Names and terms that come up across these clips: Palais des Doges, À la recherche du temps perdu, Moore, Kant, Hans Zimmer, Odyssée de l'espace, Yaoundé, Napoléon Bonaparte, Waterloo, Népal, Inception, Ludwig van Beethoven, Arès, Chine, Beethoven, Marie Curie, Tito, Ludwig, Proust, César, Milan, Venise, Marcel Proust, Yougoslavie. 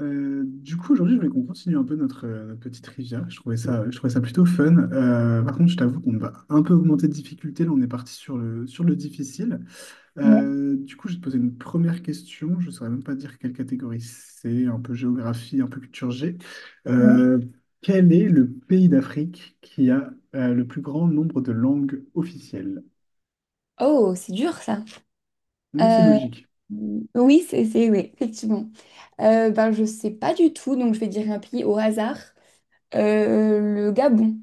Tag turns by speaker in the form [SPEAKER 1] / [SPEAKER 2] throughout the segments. [SPEAKER 1] Du coup, aujourd'hui, je voulais qu'on continue un peu notre, notre petite rivière. Je trouvais ça plutôt fun. Par contre, je t'avoue qu'on va un peu augmenter de difficulté. Là, on est parti sur le difficile.
[SPEAKER 2] Ouais,
[SPEAKER 1] Du coup, je vais te poser une première question. Je ne saurais même pas dire quelle catégorie c'est, un peu géographie, un peu culture G.
[SPEAKER 2] ouais.
[SPEAKER 1] Euh, Quel est le pays d'Afrique qui a le plus grand nombre de langues officielles?
[SPEAKER 2] Oh, c'est dur ça.
[SPEAKER 1] Mais c'est
[SPEAKER 2] Euh,
[SPEAKER 1] logique.
[SPEAKER 2] oui, oui, effectivement. Ben, je sais pas du tout, donc je vais dire un pays au hasard. Le Gabon.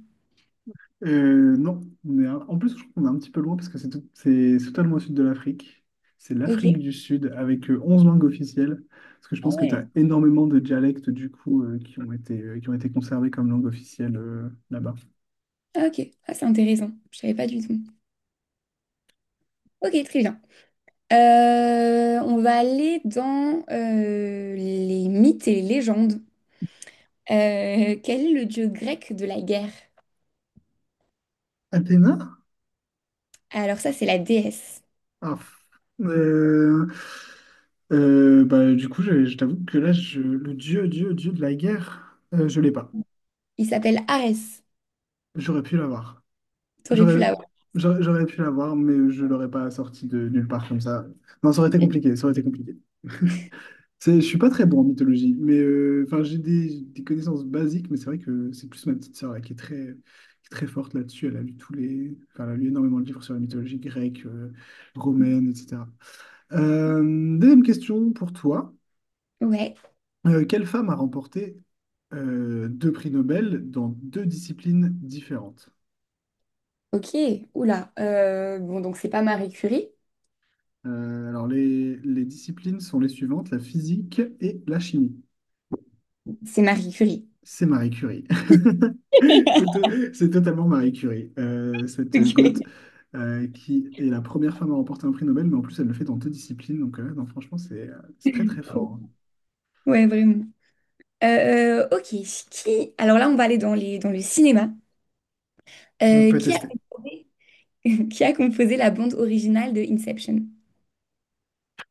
[SPEAKER 1] Non, on est en plus, je trouve qu'on est un petit peu loin parce que c'est c'est totalement au sud de l'Afrique. C'est l'Afrique
[SPEAKER 2] Ok.
[SPEAKER 1] du Sud avec 11 langues officielles. Parce que je
[SPEAKER 2] Ah
[SPEAKER 1] pense que tu as
[SPEAKER 2] ouais.
[SPEAKER 1] énormément de dialectes du coup qui ont été conservés comme langue officielle là-bas.
[SPEAKER 2] Ah, ok. Ah, c'est intéressant. Je savais pas du tout. Ok, très bien. On va aller dans les mythes et les légendes. Quel est le dieu grec de la guerre?
[SPEAKER 1] Athéna?
[SPEAKER 2] Alors ça, c'est la déesse.
[SPEAKER 1] Ah, euh, bah, du coup, je t'avoue que là, le dieu de la guerre, je l'ai pas.
[SPEAKER 2] Il s'appelle Arès.
[SPEAKER 1] J'aurais pu l'avoir.
[SPEAKER 2] T'aurais pu
[SPEAKER 1] J'aurais,
[SPEAKER 2] l'avoir.
[SPEAKER 1] j'aurais pu l'avoir, mais je l'aurais pas sorti de nulle part comme ça. Non, ça aurait été compliqué, ça aurait été compliqué. Je suis pas très bon en mythologie, mais enfin, j'ai des connaissances basiques, mais c'est vrai que c'est plus ma petite sœur là, qui est très forte là-dessus. Elle a lu tous les, enfin, elle a lu énormément de livres sur la mythologie grecque, romaine, etc. Euh, Deuxième question pour toi.
[SPEAKER 2] Ouais.
[SPEAKER 1] Quelle femme a remporté deux prix Nobel dans deux disciplines différentes?
[SPEAKER 2] Ok, oula. Bon, donc c'est pas Marie Curie,
[SPEAKER 1] Alors, les disciplines sont les suivantes, la physique et la chimie.
[SPEAKER 2] c'est Marie Curie.
[SPEAKER 1] C'est Marie Curie. C'est totalement Marie Curie, cette goth
[SPEAKER 2] Ok.
[SPEAKER 1] qui est la première femme à remporter un prix Nobel, mais en plus, elle le fait dans deux disciplines. Donc, non, franchement, c'est très, très fort.
[SPEAKER 2] Ouais, vraiment. Ok, qui... Alors là, on va aller dans le cinéma.
[SPEAKER 1] Hein. On
[SPEAKER 2] Euh,
[SPEAKER 1] peut
[SPEAKER 2] qui a
[SPEAKER 1] tester.
[SPEAKER 2] composé... qui a composé la bande originale de Inception?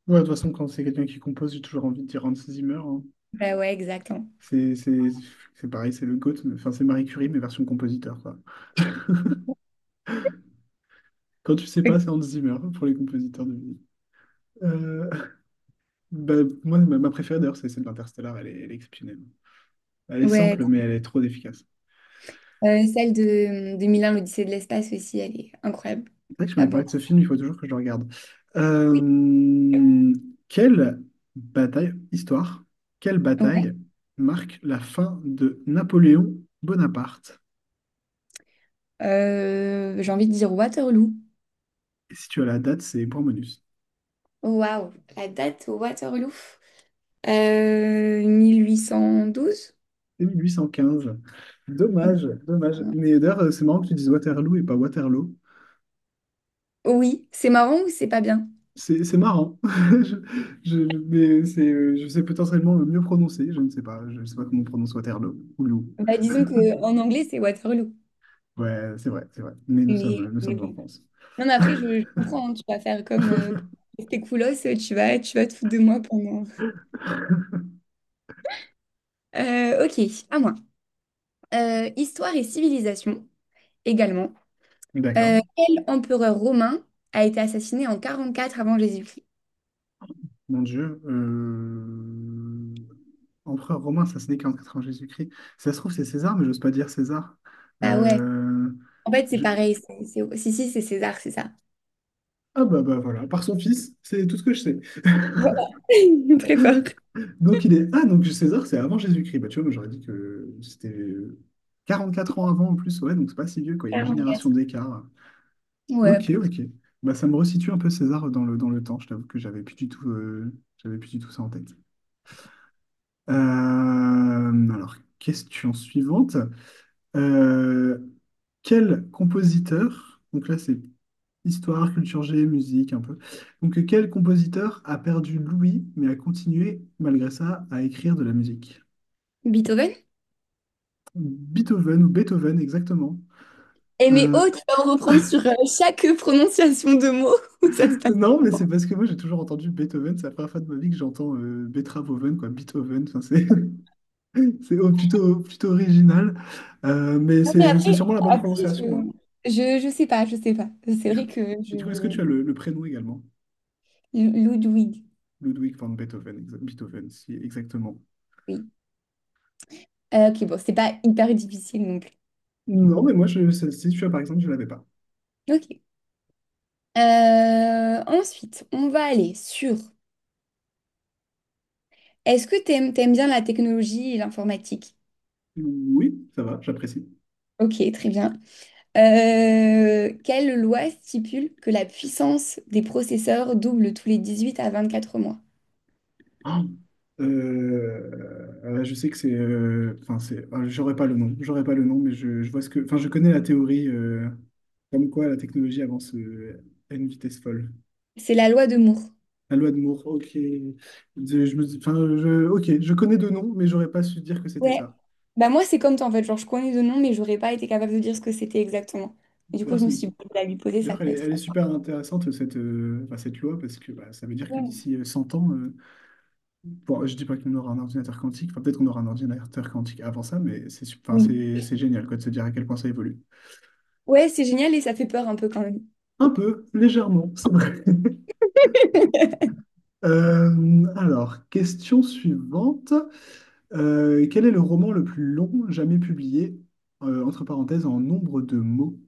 [SPEAKER 1] Ouais, de toute façon, quand c'est quelqu'un qui compose, j'ai toujours envie de dire Hans Zimmer, hein.
[SPEAKER 2] Bah ouais, exactement.
[SPEAKER 1] C'est c'est- c'est pareil, c'est le goat enfin, c'est Marie Curie, mais version compositeur, quoi. Quand tu sais pas, c'est Hans Zimmer pour les compositeurs de musique. Bah, moi, ma préférée d'ailleurs, c'est celle d'Interstellar. Elle est exceptionnelle. Elle est
[SPEAKER 2] Ouais,
[SPEAKER 1] simple, mais elle est trop efficace.
[SPEAKER 2] celle de Milan, l'Odyssée de l'espace aussi, elle est incroyable.
[SPEAKER 1] C'est vrai que je
[SPEAKER 2] La
[SPEAKER 1] m'avais
[SPEAKER 2] bande.
[SPEAKER 1] parlé de ce film, il faut toujours que je le regarde.
[SPEAKER 2] Oui.
[SPEAKER 1] Euh, Quelle bataille, histoire, quelle
[SPEAKER 2] Ouais.
[SPEAKER 1] bataille marque la fin de Napoléon Bonaparte?
[SPEAKER 2] J'ai envie de dire Waterloo.
[SPEAKER 1] Et si tu as la date, c'est point bonus.
[SPEAKER 2] Waouh, la date au Waterloo. 1812?
[SPEAKER 1] C'est 1815. Dommage, dommage. Mais d'ailleurs, c'est marrant que tu dises Waterloo et pas Waterloo.
[SPEAKER 2] Oui, c'est marrant ou c'est pas bien?
[SPEAKER 1] C'est marrant. Mais c'est, je sais potentiellement le mieux prononcer. Je ne sais pas. Je ne sais pas comment on prononce Waterloo. Waterloo.
[SPEAKER 2] Bah, disons que en anglais, c'est Waterloo.
[SPEAKER 1] Ouais, c'est vrai, c'est vrai. Mais nous
[SPEAKER 2] Mais,
[SPEAKER 1] sommes, nous
[SPEAKER 2] mais
[SPEAKER 1] sommes en
[SPEAKER 2] bon.
[SPEAKER 1] France.
[SPEAKER 2] Non, mais après, je comprends, hein, tu vas faire comme, comme tes coolos, tu vas te foutre de moi pendant. Ok, à moi. Histoire et civilisation, également.
[SPEAKER 1] D'accord.
[SPEAKER 2] Quel empereur romain a été assassiné en 44 avant Jésus-Christ?
[SPEAKER 1] Mon Dieu. Empereur romain, ça se naît 44 ans Jésus-Christ. Si ça se trouve, c'est César, mais j'ose pas dire César.
[SPEAKER 2] Bah ouais,
[SPEAKER 1] Euh,
[SPEAKER 2] en fait, c'est
[SPEAKER 1] je-
[SPEAKER 2] pareil. Si, si, c'est César, c'est ça.
[SPEAKER 1] Ah, bah voilà, par son fils, c'est tout ce que je sais.
[SPEAKER 2] Voilà. Très fort.
[SPEAKER 1] Donc il est... Ah, donc César, c'est avant Jésus-Christ. Bah, tu vois, moi j'aurais dit que c'était 44 ans avant en plus, ouais, donc c'est pas si vieux, quoi. Il y a une génération
[SPEAKER 2] 44.
[SPEAKER 1] d'écart.
[SPEAKER 2] Ouais, à
[SPEAKER 1] Ok,
[SPEAKER 2] peu près.
[SPEAKER 1] ok. Bah, ça me resitue un peu César dans le temps. Je t'avoue que j'avais plus du tout, j'avais plus du tout ça en tête. Alors, question suivante. Euh, Quel compositeur, donc là c'est histoire, culture G, musique un peu, donc quel compositeur a perdu l'ouïe mais a continué malgré ça à écrire de la musique?
[SPEAKER 2] Beethoven?
[SPEAKER 1] Beethoven ou Beethoven, exactement.
[SPEAKER 2] Eh mais oh,
[SPEAKER 1] Euh,
[SPEAKER 2] tu vas en reprendre sur chaque prononciation de mot. Ça se passe
[SPEAKER 1] non, mais
[SPEAKER 2] comment?
[SPEAKER 1] c'est parce que moi j'ai toujours entendu Beethoven, c'est la première fois de ma vie que j'entends Beethoven, quoi, Beethoven, enfin, c'est plutôt original. Mais
[SPEAKER 2] Non, mais
[SPEAKER 1] c'est
[SPEAKER 2] après,
[SPEAKER 1] sûrement la bonne
[SPEAKER 2] après
[SPEAKER 1] prononciation, hein.
[SPEAKER 2] je sais pas, je sais pas. C'est
[SPEAKER 1] Du coup,
[SPEAKER 2] vrai que
[SPEAKER 1] du coup, est-ce que
[SPEAKER 2] je...
[SPEAKER 1] tu as le prénom également?
[SPEAKER 2] Ludwig,
[SPEAKER 1] Ludwig van Beethoven, Beethoven, si, exactement.
[SPEAKER 2] oui. Ok, bon, c'est pas hyper difficile non plus.
[SPEAKER 1] Non, mais moi, je, celle-ci, tu vois, par exemple, je l'avais pas.
[SPEAKER 2] Ok. Ensuite, on va aller sur... Est-ce que t'aimes bien la technologie et l'informatique?
[SPEAKER 1] Oui, ça va, j'apprécie.
[SPEAKER 2] Ok, très bien. Quelle loi stipule que la puissance des processeurs double tous les 18 à 24 mois?
[SPEAKER 1] Ah, je sais que c'est, enfin c'est, ah, j'aurais pas le nom, mais je vois ce que, enfin je connais la théorie comme quoi la technologie avance à une vitesse folle.
[SPEAKER 2] C'est la loi de Moore.
[SPEAKER 1] La loi de Moore, ok, enfin je, ok, je connais deux noms, mais j'aurais pas su dire que c'était
[SPEAKER 2] Ouais,
[SPEAKER 1] ça.
[SPEAKER 2] bah moi c'est comme toi en fait, genre je connais de nom mais j'aurais pas été capable de dire ce que c'était exactement. Et du coup
[SPEAKER 1] D'ailleurs,
[SPEAKER 2] je me suis
[SPEAKER 1] c'est-
[SPEAKER 2] dit, bon, à lui poser ça
[SPEAKER 1] d'ailleurs, elle
[SPEAKER 2] peut
[SPEAKER 1] est,
[SPEAKER 2] être...
[SPEAKER 1] elle est super intéressante cette, enfin, cette loi parce que bah, ça veut dire que
[SPEAKER 2] Ouais.
[SPEAKER 1] d'ici 100 ans, bon, je dis pas qu'on aura un ordinateur quantique, enfin peut-être qu'on aura un ordinateur quantique avant ça, mais enfin
[SPEAKER 2] Oui.
[SPEAKER 1] c'est génial quoi de se dire à quel point ça évolue.
[SPEAKER 2] Ouais, c'est génial et ça fait peur un peu quand même.
[SPEAKER 1] Un peu, légèrement, c'est vrai. Alors, question suivante. Quel est le roman le plus long jamais publié, entre parenthèses, en nombre de mots?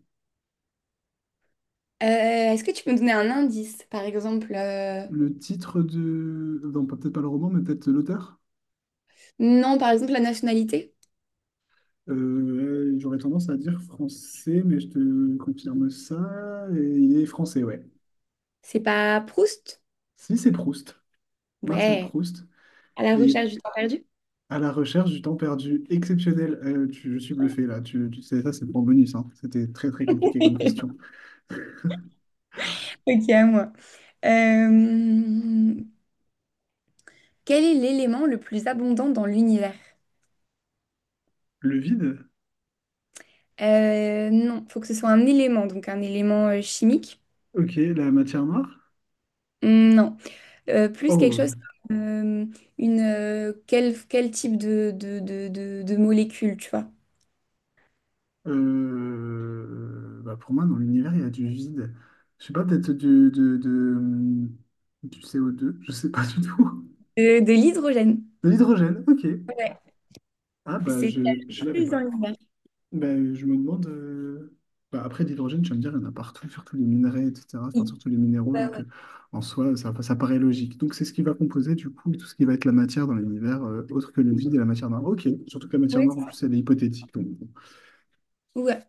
[SPEAKER 2] Euh, Est-ce que tu peux me donner un indice, par exemple? euh,
[SPEAKER 1] Le titre de... Non, peut-être pas le roman, mais peut-être l'auteur?
[SPEAKER 2] Non, par exemple la nationalité?
[SPEAKER 1] J'aurais tendance à dire français, mais je te confirme ça. Et il est français, ouais.
[SPEAKER 2] C'est pas Proust?
[SPEAKER 1] Si, c'est Proust, Marcel
[SPEAKER 2] Ouais,
[SPEAKER 1] Proust.
[SPEAKER 2] à la
[SPEAKER 1] Et
[SPEAKER 2] recherche du temps perdu.
[SPEAKER 1] à la recherche du temps perdu exceptionnel. Je suis bluffé là. Tu sais, ça, c'est pour bonus, hein. C'était très très compliqué comme question.
[SPEAKER 2] Ok, à moi. Euh, Quel est l'élément le plus abondant dans l'univers?
[SPEAKER 1] Le vide?
[SPEAKER 2] Non, faut que ce soit un élément, donc un élément chimique.
[SPEAKER 1] Ok, la matière noire?
[SPEAKER 2] Non. Plus quelque
[SPEAKER 1] Oh,
[SPEAKER 2] chose comme, une, quel type de molécule, tu vois?
[SPEAKER 1] bah pour moi, dans l'univers, il y a du vide. Je sais pas, peut-être du CO2, je sais pas du tout.
[SPEAKER 2] De l'hydrogène.
[SPEAKER 1] De l'hydrogène, ok. Ah bah,
[SPEAKER 2] C'est ce qu'il
[SPEAKER 1] je
[SPEAKER 2] y a
[SPEAKER 1] je
[SPEAKER 2] le
[SPEAKER 1] l'avais
[SPEAKER 2] plus dans
[SPEAKER 1] pas.
[SPEAKER 2] l'univers.
[SPEAKER 1] Bah, je me demande... bah, après, l'hydrogène, tu vas me dire, il y en a partout, surtout les minerais, etc. Enfin,
[SPEAKER 2] Oui.
[SPEAKER 1] surtout les minéraux,
[SPEAKER 2] Bah
[SPEAKER 1] donc en soi, ça paraît logique. Donc c'est ce qui va composer, du coup, tout ce qui va être la matière dans l'univers, autre que le vide et la matière noire. Ok, surtout que la matière
[SPEAKER 2] ouais.
[SPEAKER 1] noire, en plus, elle est hypothétique, donc... bon.
[SPEAKER 2] Ouais.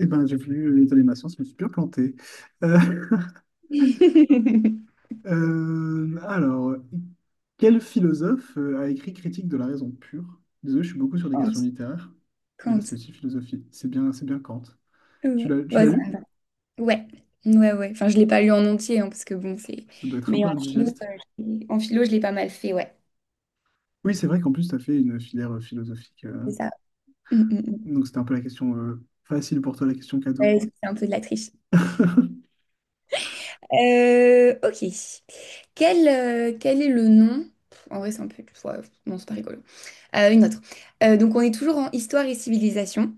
[SPEAKER 1] Eh ben, j'ai vu l'état des nations, je me suis bien planté. Euh,
[SPEAKER 2] Ouais.
[SPEAKER 1] alors, quel philosophe a écrit Critique de la raison pure? Désolé, je suis beaucoup sur des
[SPEAKER 2] Kant.
[SPEAKER 1] questions littéraires, mais là, c'est
[SPEAKER 2] Kant.
[SPEAKER 1] aussi philosophie. C'est bien Kant. Tu
[SPEAKER 2] Ouais.
[SPEAKER 1] l'as, tu
[SPEAKER 2] Bah,
[SPEAKER 1] l'as
[SPEAKER 2] ça
[SPEAKER 1] lu?
[SPEAKER 2] va. Ouais. Ouais, ouais. Enfin, je l'ai pas lu en entier, hein, parce que bon, c'est.
[SPEAKER 1] Ça doit être un
[SPEAKER 2] Mais
[SPEAKER 1] peu
[SPEAKER 2] en philo,
[SPEAKER 1] indigeste.
[SPEAKER 2] en philo, je l'ai pas mal fait, ouais.
[SPEAKER 1] Oui, c'est vrai qu'en plus, tu as fait une filière philosophique.
[SPEAKER 2] C'est ça. Mm, mm, mm.
[SPEAKER 1] Donc, c'était un peu la question facile pour toi, la question cadeau.
[SPEAKER 2] Ouais, c'est un peu de la triche.
[SPEAKER 1] De
[SPEAKER 2] Ok. Quel est le nom? Pff, en vrai, c'est un peu, ouais, non, c'est pas rigolo. Une autre. Donc on est toujours en histoire et civilisation.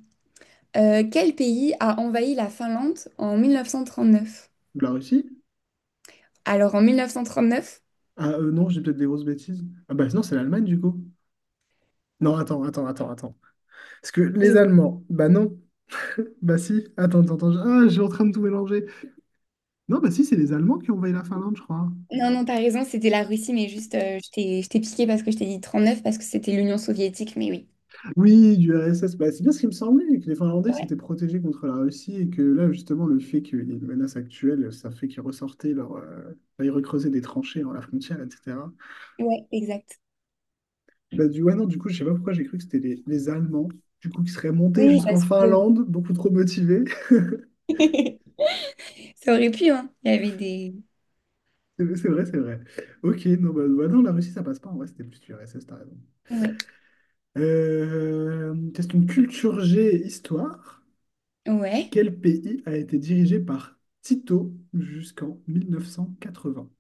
[SPEAKER 2] Quel pays a envahi la Finlande en 1939?
[SPEAKER 1] la Russie?
[SPEAKER 2] Alors en 1939,
[SPEAKER 1] Ah, non, j'ai peut-être des grosses bêtises. Ah bah non, c'est l'Allemagne du coup. Non, attends, attends, attends, attends. Parce que les
[SPEAKER 2] je-
[SPEAKER 1] Allemands, bah non. Bah si, attends, attends, attends, ah, je suis en train de tout mélanger. Non, bah si, c'est les Allemands qui ont envahi la Finlande, je crois.
[SPEAKER 2] non, non, t'as raison, c'était la Russie, mais juste je t'ai piqué parce que je t'ai dit 39 parce que c'était l'Union soviétique, mais oui.
[SPEAKER 1] Oui, du RSS, bah, c'est bien ce qui me semblait, que les Finlandais
[SPEAKER 2] Ouais,
[SPEAKER 1] s'étaient protégés contre la Russie et que là, justement, le fait qu'il y ait une menace actuelle, ça fait qu'ils ressortaient leur... bah, ils recreusaient des tranchées dans la frontière, etc.
[SPEAKER 2] ouais, exact.
[SPEAKER 1] Bah du... Ouais, non, du coup, je sais pas pourquoi j'ai cru que c'était les Allemands, du coup, qui seraient montés
[SPEAKER 2] Oui,
[SPEAKER 1] jusqu'en
[SPEAKER 2] parce que
[SPEAKER 1] Finlande, beaucoup trop motivés.
[SPEAKER 2] ça aurait pu, hein. Il y avait des.
[SPEAKER 1] C'est vrai, c'est vrai. Ok, non, bah, non, la Russie, ça passe pas, en vrai, c'était plus du RSS, t'as raison.
[SPEAKER 2] Ouais.
[SPEAKER 1] Question culture G, histoire.
[SPEAKER 2] Ouais.
[SPEAKER 1] Quel pays a été dirigé par Tito jusqu'en 1980?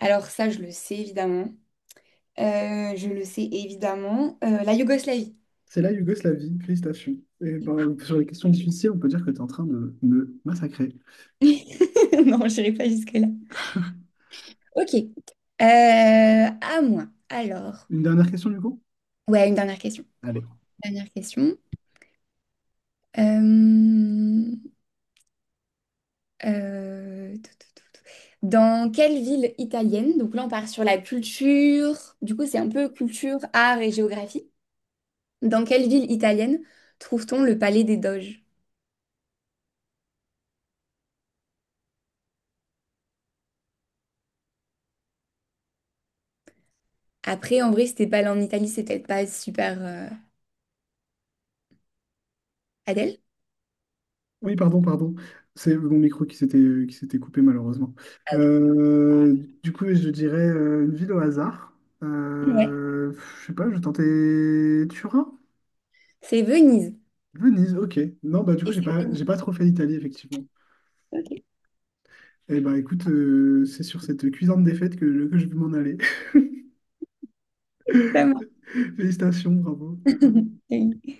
[SPEAKER 2] Alors ça, je le sais évidemment. Je le sais évidemment. La Yougoslavie.
[SPEAKER 1] C'est la Yougoslavie, félicitations. Et ben, sur les questions difficiles, on peut dire que tu es en train de me massacrer.
[SPEAKER 2] Non, je n'irai pas jusque-là. Ok. À moi. Alors,
[SPEAKER 1] Une dernière question, du coup?
[SPEAKER 2] ouais, une dernière question.
[SPEAKER 1] Allez.
[SPEAKER 2] Dernière question. Euh, Tout, tout, tout, tout. Dans quelle ville italienne, donc là on part sur la culture, du coup c'est un peu culture, art et géographie. Dans quelle ville italienne trouve-t-on le Palais des Doges? Après, en vrai, si t'es pas allé en Italie, c'est peut-être pas super Adèle.
[SPEAKER 1] Oui, pardon, pardon. C'est mon micro qui s'était coupé, malheureusement. Euh, du coup, je dirais une ville au hasard.
[SPEAKER 2] Ouais.
[SPEAKER 1] Euh, je sais pas, je tentais Turin?
[SPEAKER 2] C'est Venise.
[SPEAKER 1] Venise, ok. Non, bah du coup,
[SPEAKER 2] Et
[SPEAKER 1] j'ai
[SPEAKER 2] c'est
[SPEAKER 1] pas,
[SPEAKER 2] Venise.
[SPEAKER 1] j'ai pas trop fait l'Italie, effectivement. Eh ben écoute, c'est sur cette cuisante défaite que je vais m'en aller.
[SPEAKER 2] Vraiment.
[SPEAKER 1] Félicitations, bravo.